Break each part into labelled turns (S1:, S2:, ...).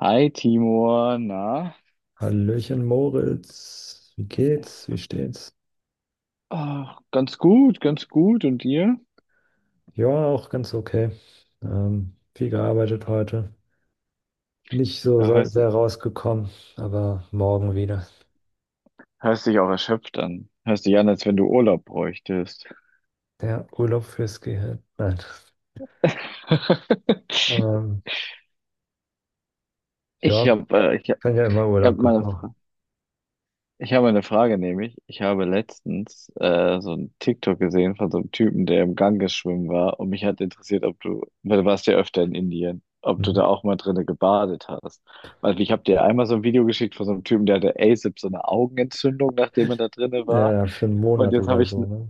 S1: Hi Timur, na?
S2: Hallöchen Moritz, wie geht's? Wie steht's?
S1: Ah, ganz gut, ganz gut. Und dir?
S2: Ja, auch ganz okay. Viel gearbeitet heute. Nicht so
S1: Ja, hörst
S2: sehr
S1: dich,
S2: rausgekommen, aber morgen wieder.
S1: Hörst dich auch erschöpft an. Hörst dich an, als wenn du Urlaub bräuchtest.
S2: Der Urlaub fürs Gehirn. Nein. Ähm,
S1: Ich
S2: ja,
S1: habe
S2: kann ja immer
S1: ich hab
S2: Urlaub
S1: meine
S2: gebrauchen.
S1: Ich habe eine Frage, nämlich, ich habe letztens so ein TikTok gesehen von so einem Typen, der im Ganges schwimmen war, und mich hat interessiert, ob du, weil du warst ja öfter in Indien, ob du
S2: Mhm.
S1: da auch mal drinne gebadet hast. Weil ich habe dir einmal so ein Video geschickt von so einem Typen, der hatte ASAP so eine Augenentzündung, nachdem er da drinne
S2: Ja,
S1: war.
S2: ja, für einen
S1: Und
S2: Monat
S1: jetzt habe
S2: oder so, ne?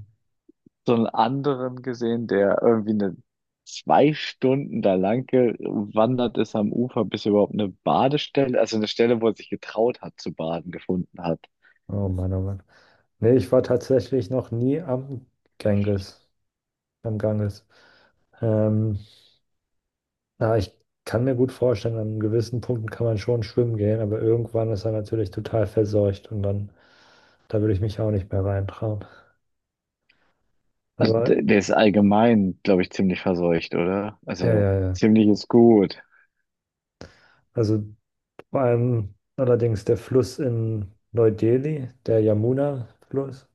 S1: so einen anderen gesehen, der irgendwie eine 2 Stunden da lang gewandert ist am Ufer, bis er überhaupt eine Badestelle, also eine Stelle, wo er sich getraut hat zu baden, gefunden hat.
S2: Oh Mann, oh Mann. Nee, ich war tatsächlich noch nie am Ganges. Am Ganges. Ähm, Na, ich kann mir gut vorstellen, an gewissen Punkten kann man schon schwimmen gehen, aber irgendwann ist er natürlich total verseucht und dann, da würde ich mich auch nicht mehr reintrauen.
S1: Also
S2: Aber
S1: der ist allgemein, glaube ich, ziemlich verseucht, oder?
S2: ja,
S1: Also
S2: ja, ja.
S1: ziemlich ist gut.
S2: Also vor allem allerdings der Fluss in Neu-Delhi, der Yamuna-Fluss,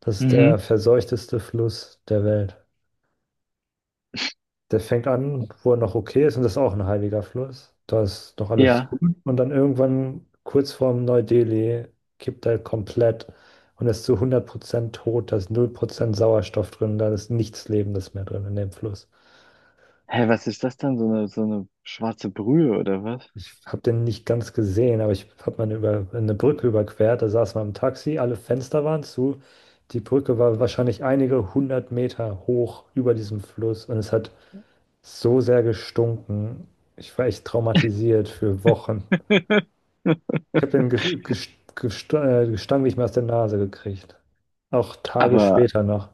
S2: das ist der
S1: Mhm.
S2: verseuchteste Fluss der Welt. Der fängt an, wo er noch okay ist, und das ist auch ein heiliger Fluss. Da ist noch alles
S1: Ja.
S2: gut. Und dann irgendwann, kurz vorm Neu-Delhi, kippt er komplett und ist zu 100% tot. Da ist null Prozent Sauerstoff drin. Da ist nichts Lebendes mehr drin in dem Fluss.
S1: Hä, was ist das dann? So eine schwarze Brühe oder was?
S2: Ich habe den nicht ganz gesehen, aber ich habe mal eine, über, eine Brücke überquert. Da saß man im Taxi, alle Fenster waren zu. Die Brücke war wahrscheinlich einige hundert Meter hoch über diesem Fluss und es hat so sehr gestunken. Ich war echt traumatisiert für Wochen. Ich habe den Gestank nicht mehr aus der Nase gekriegt. Auch Tage
S1: Aber
S2: später noch.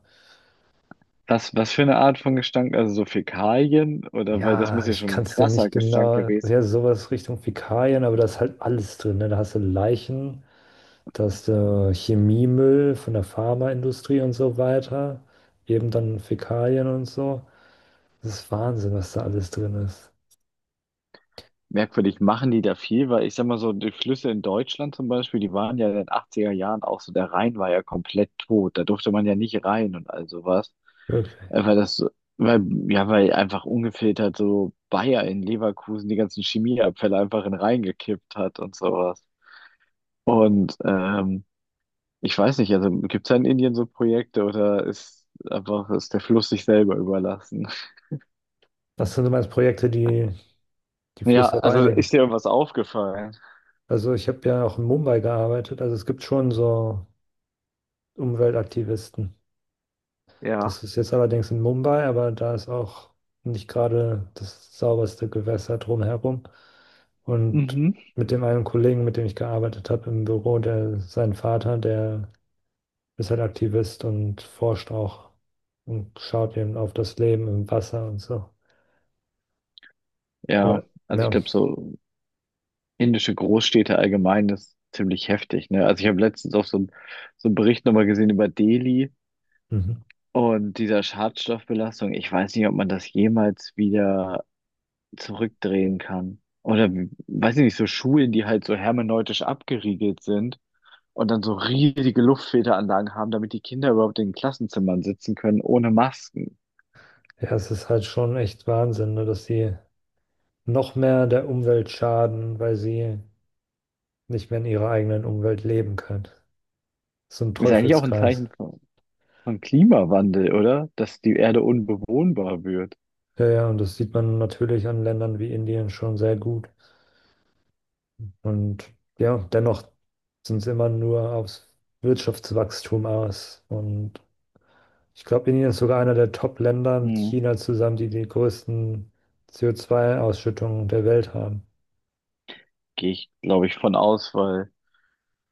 S1: was, was für eine Art von Gestank? Also so Fäkalien? Oder weil das
S2: Ja,
S1: muss ja
S2: ich
S1: schon ein
S2: kann es dir nicht
S1: krasser Gestank
S2: genau.
S1: gewesen.
S2: Ja, sowas Richtung Fäkalien, aber da ist halt alles drin. Ne? Da hast du Leichen, da hast du Chemiemüll von der Pharmaindustrie und so weiter. Eben dann Fäkalien und so. Das ist Wahnsinn, was da alles drin ist.
S1: Merkwürdig, machen die da viel, weil ich sag mal so, die Flüsse in Deutschland zum Beispiel, die waren ja in den 80er Jahren auch so, der Rhein war ja komplett tot, da durfte man ja nicht rein und all sowas.
S2: Wirklich.
S1: Weil das, so- weil, ja, weil einfach ungefiltert so Bayer in Leverkusen die ganzen Chemieabfälle einfach in den Rhein gekippt hat und sowas. Und ich weiß nicht, also gibt es da in Indien so Projekte oder ist der Fluss sich selber überlassen?
S2: Das sind so meine Projekte, die
S1: Ja,
S2: Flüsse
S1: also
S2: reinigen.
S1: ist dir irgendwas aufgefallen?
S2: Also ich habe ja auch in Mumbai gearbeitet, also es gibt schon so Umweltaktivisten. Das
S1: Ja.
S2: ist jetzt allerdings in Mumbai, aber da ist auch nicht gerade das sauberste Gewässer drumherum. Und
S1: Mhm.
S2: mit dem einen Kollegen, mit dem ich gearbeitet habe im Büro, der sein Vater, der ist halt Aktivist und forscht auch und schaut eben auf das Leben im Wasser und so.
S1: Ja,
S2: Aber
S1: also ich
S2: ja,
S1: glaube, so indische Großstädte allgemein ist ziemlich heftig, ne? Also ich habe letztens auch so einen Bericht nochmal gesehen über Delhi
S2: mhm.
S1: und dieser Schadstoffbelastung. Ich weiß nicht, ob man das jemals wieder zurückdrehen kann. Oder weiß ich nicht, so Schulen, die halt so hermeneutisch abgeriegelt sind und dann so riesige Luftfilteranlagen haben, damit die Kinder überhaupt in den Klassenzimmern sitzen können, ohne Masken.
S2: Ja, es ist halt schon echt Wahnsinn, ne, dass sie noch mehr der Umwelt schaden, weil sie nicht mehr in ihrer eigenen Umwelt leben können. So ein
S1: Ist eigentlich auch ein
S2: Teufelskreis.
S1: Zeichen von Klimawandel, oder? Dass die Erde unbewohnbar wird.
S2: Ja, ja, und das sieht man natürlich an Ländern wie Indien schon sehr gut. Und ja, dennoch sind sie immer nur aufs Wirtschaftswachstum aus. Und ich glaube, Indien ist sogar einer der Top-Länder mit
S1: Hm.
S2: China zusammen, die die größten CO2-Ausschüttungen der Welt haben.
S1: Gehe ich, glaube ich, von aus, weil,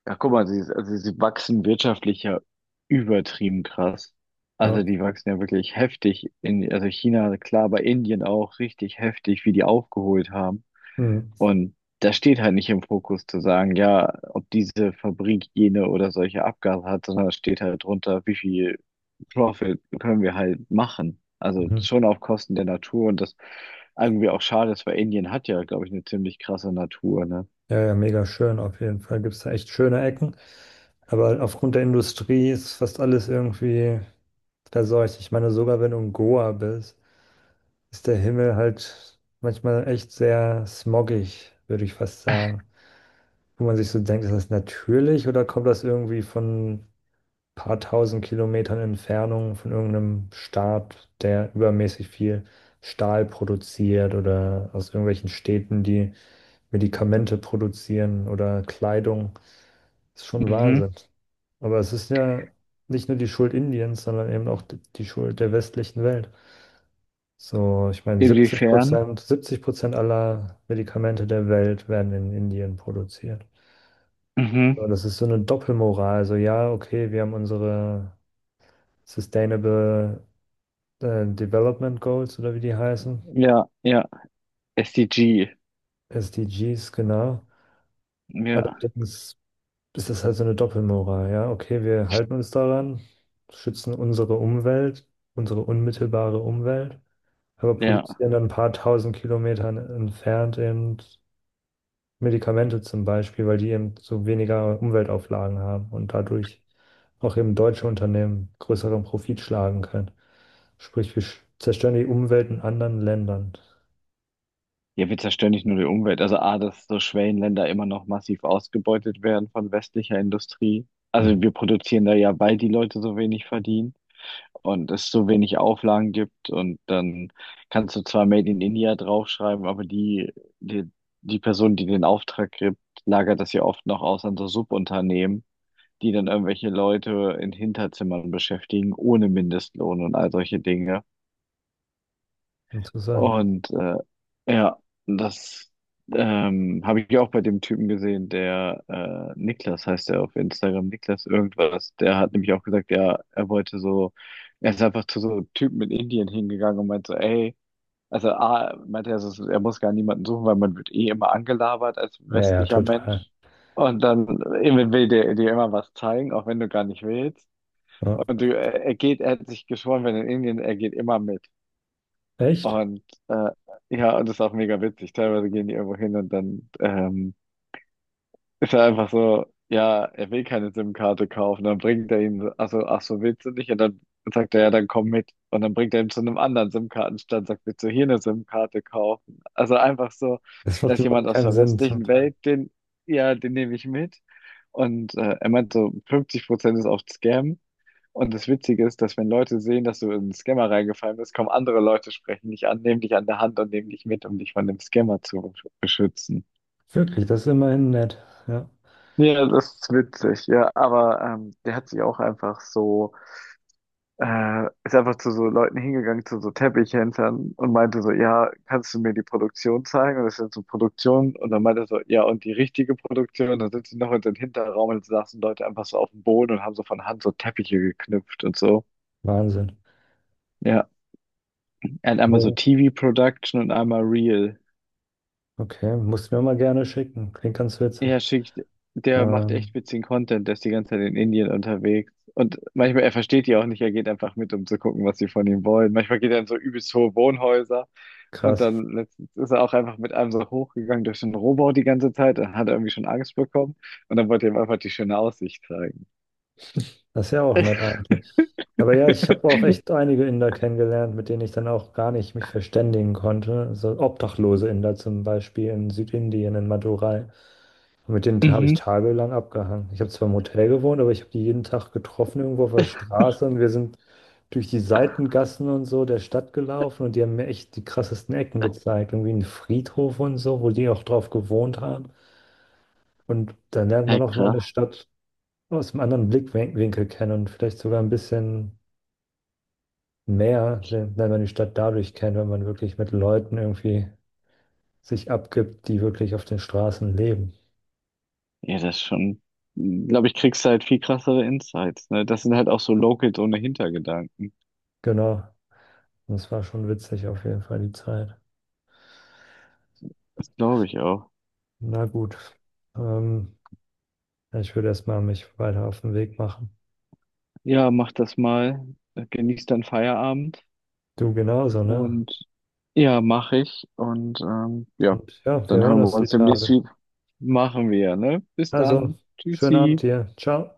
S1: ja, guck mal, also sie wachsen wirtschaftlich ja übertrieben krass. Also
S2: Ja,
S1: die wachsen ja wirklich heftig in, also China, klar, aber Indien auch richtig heftig, wie die aufgeholt haben.
S2: hm,
S1: Und da steht halt nicht im Fokus zu sagen, ja, ob diese Fabrik jene oder solche Abgase hat, sondern da steht halt drunter, wie viel Profit können wir halt machen. Also
S2: mhm.
S1: schon auf Kosten der Natur, und das irgendwie auch schade ist, weil Indien hat ja, glaube ich, eine ziemlich krasse Natur, ne?
S2: Ja, ja, mega schön. Auf jeden Fall gibt es da echt schöne Ecken. Aber aufgrund der Industrie ist fast alles irgendwie versorgt. Ich meine, sogar wenn du in Goa bist, ist der Himmel halt manchmal echt sehr smoggig, würde ich fast sagen. Wo man sich so denkt, ist das natürlich oder kommt das irgendwie von ein paar tausend Kilometern Entfernung von irgendeinem Staat, der übermäßig viel Stahl produziert oder aus irgendwelchen Städten, die Medikamente produzieren oder Kleidung? Ist schon
S1: Mhm.
S2: Wahnsinn. Aber es ist ja nicht nur die Schuld Indiens, sondern eben auch die Schuld der westlichen Welt. So, ich meine, 70
S1: Inwiefern?
S2: Prozent, 70% aller Medikamente der Welt werden in Indien produziert.
S1: Mhm.
S2: So, das ist so eine Doppelmoral. So, ja, okay, wir haben unsere Sustainable Development Goals oder wie die heißen,
S1: Ja, ja. SDG.
S2: SDGs, genau.
S1: Ja,
S2: Allerdings ist das halt so eine Doppelmoral. Ja, okay, wir halten uns daran, schützen unsere Umwelt, unsere unmittelbare Umwelt, aber
S1: ja.
S2: produzieren dann ein paar tausend Kilometern entfernt eben Medikamente zum Beispiel, weil die eben so weniger Umweltauflagen haben und dadurch auch eben deutsche Unternehmen größeren Profit schlagen können. Sprich, wir zerstören die Umwelt in anderen Ländern.
S1: Ja, wir zerstören nicht nur die Umwelt. Also A, dass so Schwellenländer immer noch massiv ausgebeutet werden von westlicher Industrie. Also
S2: Mhm.
S1: wir produzieren da ja, weil die Leute so wenig verdienen und es so wenig Auflagen gibt. Und dann kannst du zwar Made in India draufschreiben, aber die, die Person, die den Auftrag gibt, lagert das ja oft noch aus an so Subunternehmen, die dann irgendwelche Leute in Hinterzimmern beschäftigen, ohne Mindestlohn und all solche Dinge.
S2: Interessant.
S1: Und ja, das habe ich auch bei dem Typen gesehen, der Niklas heißt er auf Instagram, Niklas irgendwas, der hat nämlich auch gesagt, ja, er wollte so, er ist einfach zu so Typen in Indien hingegangen und meinte so, ey, also A, meinte er, er muss gar niemanden suchen, weil man wird eh immer angelabert als
S2: Ja, ja,
S1: westlicher
S2: total.
S1: Mensch. Und dann will der dir immer was zeigen, auch wenn du gar nicht willst.
S2: Ja.
S1: Und du, er geht, er hat sich geschworen, wenn in Indien, er geht immer mit.
S2: Echt?
S1: Und ja, und das ist auch mega witzig. Teilweise gehen die irgendwo hin und dann ist er einfach so, ja, er will keine SIM-Karte kaufen. Dann bringt er ihn, also, ach so, willst du nicht? Und dann sagt er, ja, dann komm mit. Und dann bringt er ihn zu einem anderen SIM-Kartenstand, sagt, willst du hier eine SIM-Karte kaufen? Also einfach so,
S2: Das macht
S1: dass jemand
S2: überhaupt
S1: aus
S2: keinen
S1: der
S2: Sinn zum
S1: westlichen
S2: Teil.
S1: Ja, den nehme ich mit. Und er meint so, 50% ist oft Scam. Und das Witzige ist, dass wenn Leute sehen, dass du in einen Scammer reingefallen bist, kommen andere Leute, sprechen dich an, nehmen dich an der Hand und nehmen dich mit, um dich von dem Scammer zu beschützen.
S2: Wirklich, das ist immerhin nett. Ja,
S1: Ja, das ist witzig, ja, aber der hat sich auch einfach so, ist einfach zu so Leuten hingegangen, zu so Teppichhändlern und meinte so, ja, kannst du mir die Produktion zeigen? Und das sind so Produktionen und dann meinte er so, ja, und die richtige Produktion, und dann sind sie noch in den Hinterraum und saßen Leute einfach so auf dem Boden und haben so von Hand so Teppiche geknüpft und so.
S2: Wahnsinn.
S1: Ja. Er hat einmal so TV-Production und einmal Real.
S2: Okay, musst du mir mal gerne schicken. Klingt ganz witzig.
S1: Ja, schickt, der macht echt
S2: Ähm,
S1: witzigen Content, der ist die ganze Zeit in Indien unterwegs. Und manchmal, er versteht die auch nicht, er geht einfach mit, um zu gucken, was sie von ihm wollen. Manchmal geht er in so übelst hohe Wohnhäuser und
S2: krass.
S1: dann letztens ist er auch einfach mit einem so hochgegangen durch den Rohbau die ganze Zeit, dann hat er irgendwie schon Angst bekommen und dann wollte er ihm einfach die schöne Aussicht zeigen.
S2: Das ist ja auch nett eigentlich. Aber ja, ich habe auch echt einige Inder kennengelernt, mit denen ich dann auch gar nicht mich verständigen konnte. So obdachlose Inder zum Beispiel in Südindien, in Madurai. Und mit denen habe ich
S1: Mhm.
S2: tagelang abgehangen. Ich habe zwar im Hotel gewohnt, aber ich habe die jeden Tag getroffen irgendwo auf der Straße und wir sind durch die Seitengassen und so der Stadt gelaufen und die haben mir echt die krassesten Ecken gezeigt. Irgendwie einen Friedhof und so, wo die auch drauf gewohnt haben. Und dann lernt man
S1: Ja,
S2: auch mal
S1: krass.
S2: eine Stadt aus einem anderen Blickwinkel kennen und vielleicht sogar ein bisschen mehr, wenn, man die Stadt dadurch kennt, wenn man wirklich mit Leuten irgendwie sich abgibt, die wirklich auf den Straßen leben.
S1: Ja, das ist schon, glaube ich, kriegst du halt viel krassere Insights, ne? Das sind halt auch so Locals ohne Hintergedanken.
S2: Genau. Und es war schon witzig auf jeden Fall die Zeit.
S1: Das glaube ich auch.
S2: Na gut. Ähm, ich würde erstmal mich weiter auf den Weg machen.
S1: Ja, mach das mal. Genieß deinen Feierabend.
S2: Du genauso, ne?
S1: Und ja, mache ich. Und ja,
S2: Und ja, wir
S1: dann
S2: hören
S1: hören wir
S2: uns die
S1: uns demnächst
S2: Tage.
S1: wieder. Machen wir, ne? Bis
S2: Also,
S1: dann.
S2: schönen Abend
S1: Tschüssi.
S2: dir. Ciao.